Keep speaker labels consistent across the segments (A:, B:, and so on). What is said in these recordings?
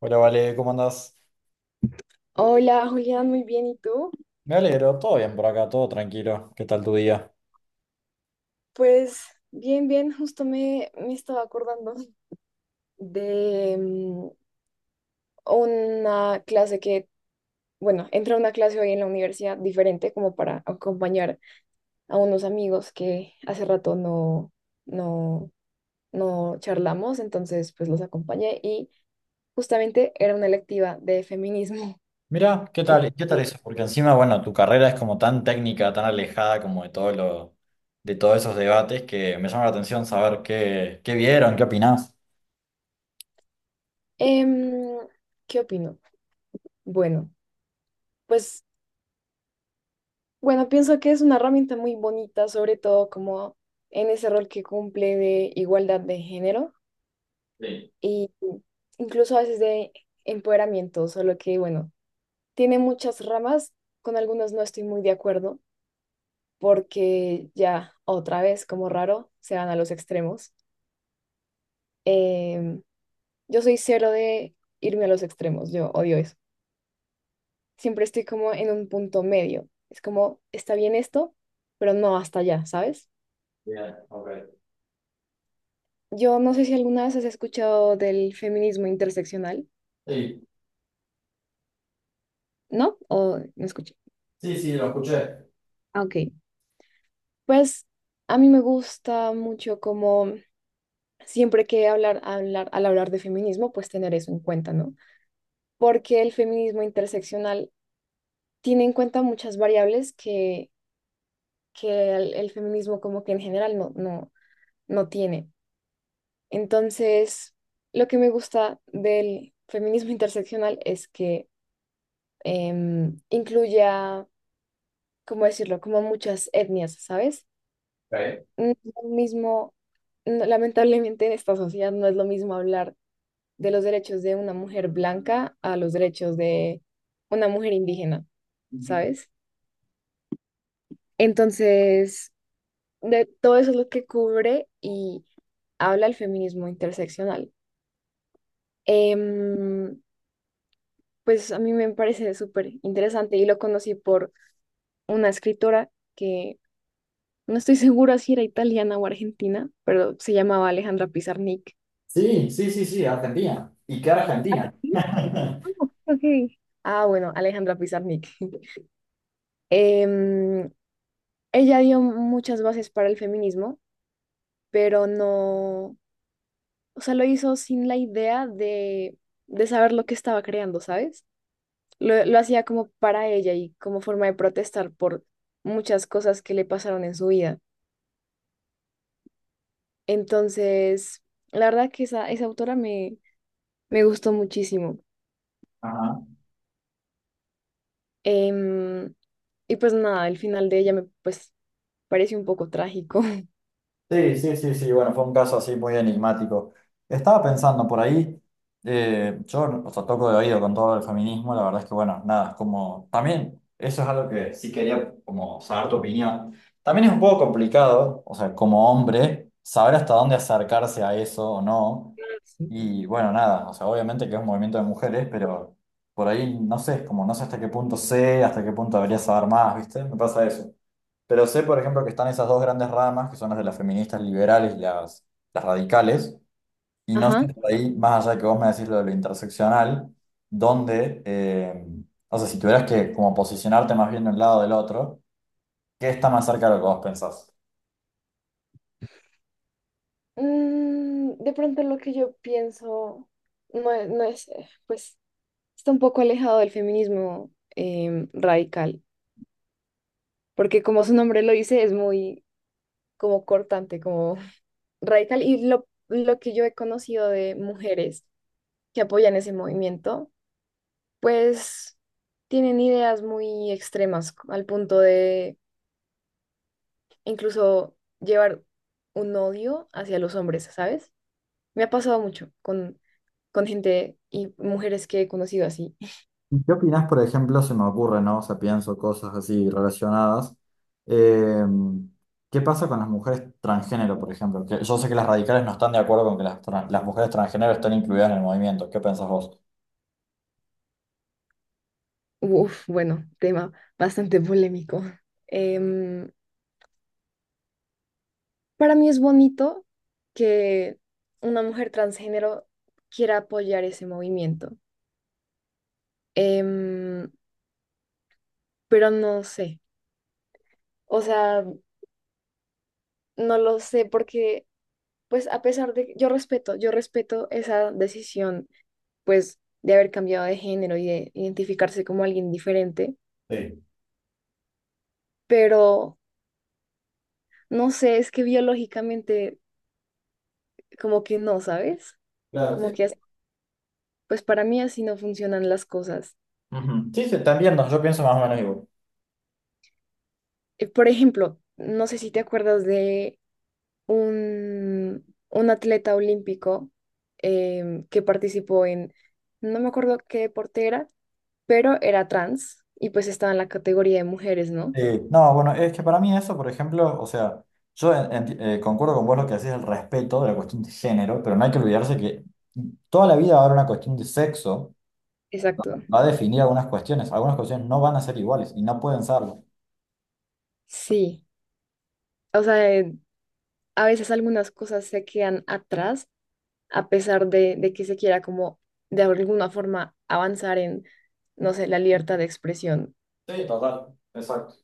A: Hola, Vale, ¿cómo andás?
B: Hola Julián, muy bien, ¿y tú?
A: Me alegro, todo bien por acá, todo tranquilo. ¿Qué tal tu día?
B: Pues bien, bien, justo me estaba acordando de una clase que, bueno, entré a una clase hoy en la universidad diferente como para acompañar a unos amigos que hace rato no, no charlamos, entonces pues los acompañé y justamente era una electiva de feminismo.
A: Mira, ¿qué tal? ¿Qué tal eso? Porque encima, bueno, tu carrera es como tan técnica, tan alejada como de todo lo, de todos esos debates que me llama la atención saber qué vieron, qué opinás.
B: Em, ¿Qué opino? Bueno, pues Bueno, pienso que es una herramienta muy bonita, sobre todo como en ese rol que cumple de igualdad de género
A: Sí,
B: y incluso a veces de empoderamiento, solo que bueno, tiene muchas ramas, con algunos no estoy muy de acuerdo porque ya otra vez, como raro, se van a los extremos. Em, yo soy cero de irme a los extremos, yo odio eso. Siempre estoy como en un punto medio. Es como, está bien esto, pero no hasta allá, ¿sabes?
A: bien, ok.
B: Yo no sé si alguna vez has escuchado del feminismo interseccional,
A: Sí,
B: ¿no? O no escuché.
A: sí, sí, lo escuché.
B: Ah, ok. Pues a mí me gusta mucho como siempre que al hablar de feminismo, pues tener eso en cuenta, ¿no? Porque el feminismo interseccional tiene en cuenta muchas variables que el feminismo como que en general no tiene. Entonces, lo que me gusta del feminismo interseccional es que incluya, ¿cómo decirlo? Como muchas etnias, ¿sabes?
A: Ok.
B: No es lo mismo, lamentablemente en esta sociedad no es lo mismo hablar de los derechos de una mujer blanca a los derechos de una mujer indígena, ¿sabes? Entonces, de todo eso es lo que cubre y habla el feminismo interseccional. Em, pues a mí me parece súper interesante y lo conocí por una escritora que... No estoy segura si era italiana o argentina, pero se llamaba Alejandra Pizarnik.
A: Sí, sí, sí, sí, Argentina. ¿Y qué Argentina?
B: Ok. Ah, bueno, Alejandra Pizarnik. Em, Ella dio muchas bases para el feminismo, pero no, o sea, lo hizo sin la idea de saber lo que estaba creando, ¿sabes? Lo hacía como para ella y como forma de protestar por muchas cosas que le pasaron en su vida. Entonces, la verdad que esa autora me gustó muchísimo.
A: Ajá.
B: Em, y pues nada, el final de ella me pues parece un poco trágico.
A: Sí, sí, sí, sí, bueno, fue un caso así muy enigmático. Estaba pensando por ahí, yo, o sea, toco de oído con todo el feminismo, la verdad es que, bueno, nada, es como, también, eso es algo que sí quería como saber tu opinión. También es un poco complicado, o sea, como hombre, saber hasta dónde acercarse a eso o no.
B: Sí.
A: Y bueno, nada, o sea, obviamente que es un movimiento de mujeres, pero por ahí, no sé, es como, no sé hasta qué punto sé, hasta qué punto debería saber más, ¿viste? Me pasa eso. Pero sé, por ejemplo, que están esas dos grandes ramas, que son las de las feministas liberales y las radicales, y no sé
B: Ajá.
A: hasta ahí, más allá de que vos me decís lo de lo interseccional, donde, o sea, si tuvieras que como posicionarte más bien de un lado o del otro, ¿qué está más cerca de lo que vos pensás?
B: Mm, de pronto lo que yo pienso no, es, no es, pues está un poco alejado del feminismo radical, porque como su nombre lo dice, es muy como cortante, como radical. Y lo que yo he conocido de mujeres que apoyan ese movimiento, pues tienen ideas muy extremas al punto de incluso llevar un odio hacia los hombres, ¿sabes? Me ha pasado mucho con gente y mujeres que he conocido así.
A: ¿Y ¿Qué opinás, por ejemplo, se me ocurre, ¿no? O sea, pienso cosas así relacionadas. Eh, ¿Qué pasa con las mujeres transgénero, por ejemplo? Que yo sé que las radicales no están de acuerdo con que las mujeres transgénero estén incluidas en el movimiento. ¿Qué pensás vos?
B: Uf, bueno, tema bastante polémico. Em, para mí es bonito que una mujer transgénero quiera apoyar ese movimiento. Em, pero no sé, o sea, no lo sé porque, pues a pesar de que yo respeto esa decisión pues de haber cambiado de género y de identificarse como alguien diferente,
A: Sí,
B: pero no sé, es que biológicamente como que no, ¿sabes?
A: claro.
B: Como que, pues para mí así no funcionan las cosas.
A: Ujú. Sí, sí, te entiendo, yo pienso más o menos igual.
B: Por ejemplo, no sé si te acuerdas de un atleta olímpico que participó en, no me acuerdo qué deporte era, pero era trans y pues estaba en la categoría de mujeres, ¿no?
A: Sí, no, bueno, es que para mí eso, por ejemplo, o sea, yo concuerdo con vos lo que decís el respeto de la cuestión de género, pero no hay que olvidarse que toda la vida va a haber una cuestión de sexo,
B: Exacto.
A: va a definir algunas cuestiones no van a ser iguales y no pueden serlo.
B: Sí. O sea, a veces algunas cosas se quedan atrás a pesar de que se quiera como de alguna forma avanzar en, no sé, la libertad de expresión.
A: Sí, total, exacto.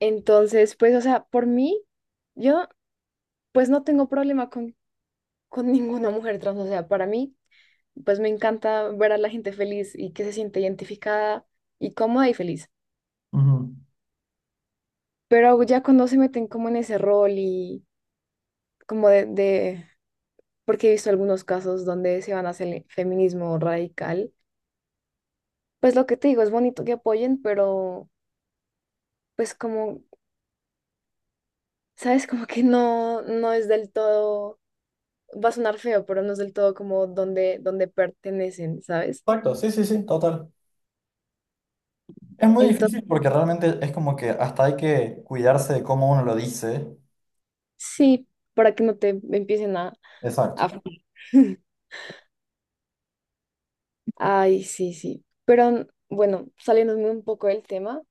B: Entonces, pues, o sea, por mí, yo pues no tengo problema con ninguna mujer trans, o sea, para mí, pues me encanta ver a la gente feliz y que se siente identificada y cómoda y feliz.
A: Ujú.
B: Pero ya cuando se meten como en ese rol y como de porque he visto algunos casos donde se van hacia el feminismo radical. Pues lo que te digo, es bonito que apoyen, pero pues como, ¿sabes? Como que no, no es del todo, va a sonar feo, pero no es del todo como donde pertenecen, ¿sabes?
A: Exacto, sí, sí, sí, total. Es muy
B: Entonces,
A: difícil porque realmente es como que hasta hay que cuidarse de cómo uno lo dice.
B: sí, para que no te empiecen
A: Exacto.
B: a... fregar. Ay, sí, sí. Pero bueno, saliéndome un poco del tema,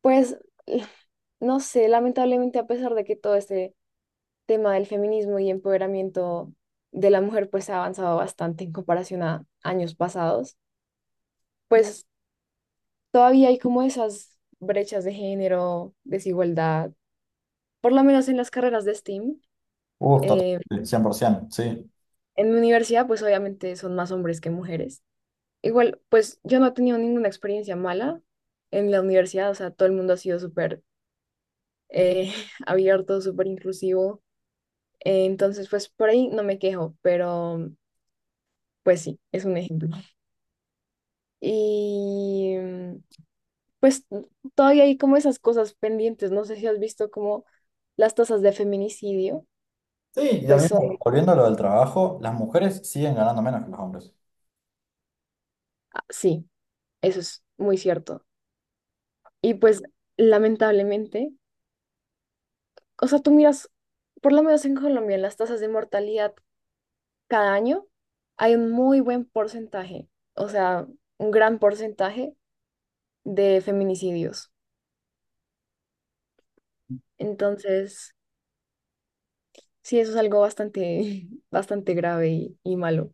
B: pues eh, no sé, lamentablemente a pesar de que todo este tema del feminismo y empoderamiento de la mujer pues ha avanzado bastante en comparación a años pasados, pues todavía hay como esas brechas de género, desigualdad, por lo menos en las carreras de STEAM.
A: Uf, total,
B: Eh,
A: 100%, sí.
B: en mi universidad, pues obviamente son más hombres que mujeres. Igual, pues yo no he tenido ninguna experiencia mala en la universidad, o sea, todo el mundo ha sido súper eh, abierto, súper inclusivo. Entonces, pues por ahí no me quejo, pero pues sí, es un ejemplo. Y pues todavía hay como esas cosas pendientes, no sé si has visto como las tasas de feminicidio.
A: Sí, y lo
B: Pues son,
A: volviendo a lo del trabajo, las mujeres siguen ganando menos que los hombres.
B: ah, sí, eso es muy cierto. Y pues lamentablemente, o sea, tú miras, por lo menos en Colombia, en las tasas de mortalidad cada año hay un muy buen porcentaje, o sea, un gran porcentaje de feminicidios. Entonces, sí, eso es algo bastante, bastante grave y malo.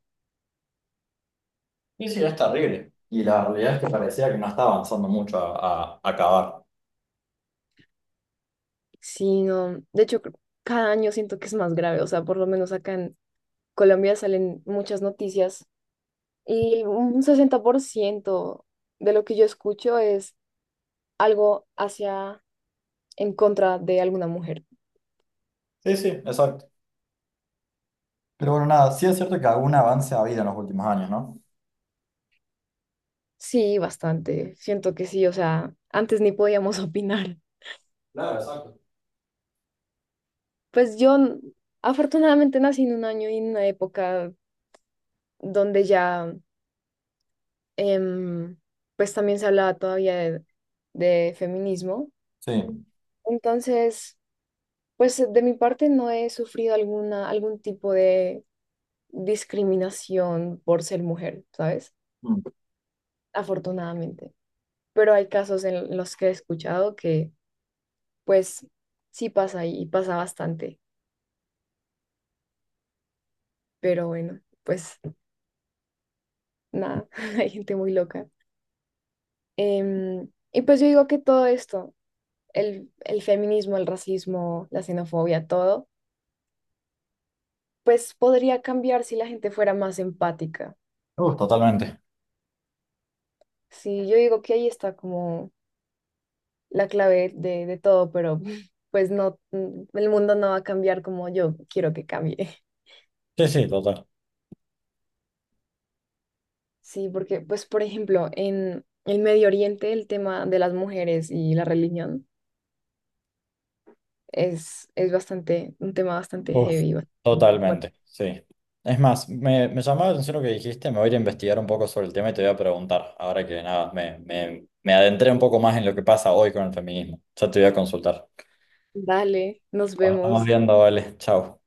A: Y sí, es terrible. Y la realidad es que parecía que no está avanzando mucho a acabar.
B: Sí, no, de hecho, cada año siento que es más grave, o sea, por lo menos acá en Colombia salen muchas noticias. Y un 60% de lo que yo escucho es algo hacia, en contra de alguna mujer.
A: Sí, sí, exacto. Pero bueno, nada, sí es cierto que algún avance ha habido en los últimos años, ¿no?
B: Sí, bastante. Siento que sí, o sea, antes ni podíamos opinar.
A: Claro, exacto.
B: Pues yo afortunadamente nací en un año y en una época donde ya, em, pues también se hablaba todavía de feminismo.
A: Sí.
B: Entonces, pues de mi parte no he sufrido alguna, algún tipo de discriminación por ser mujer, ¿sabes?
A: Mm.
B: Afortunadamente. Pero hay casos en los que he escuchado que, pues, sí pasa y pasa bastante. Pero bueno, pues nada, hay gente muy loca. Y pues yo digo que todo esto, el feminismo, el racismo, la xenofobia, todo, pues podría cambiar si la gente fuera más empática.
A: Uf, totalmente.
B: Sí, yo digo que ahí está como la clave de todo, pero pues no, mm, el mundo no va a cambiar como yo quiero que cambie.
A: Sí, sí, total.
B: Sí, porque, pues, por ejemplo, en el Medio Oriente el tema de las mujeres y la religión es bastante, un tema bastante
A: Uf,
B: heavy. Bastante.
A: totalmente, sí. Es más, me llamaba la atención lo que dijiste, me voy a ir a investigar un poco sobre el tema y te voy a preguntar, ahora que nada, me adentré un poco más en lo que pasa hoy con el feminismo. Ya te voy a consultar.
B: Dale, nos
A: Nos estamos
B: vemos.
A: viendo, vale. Chao.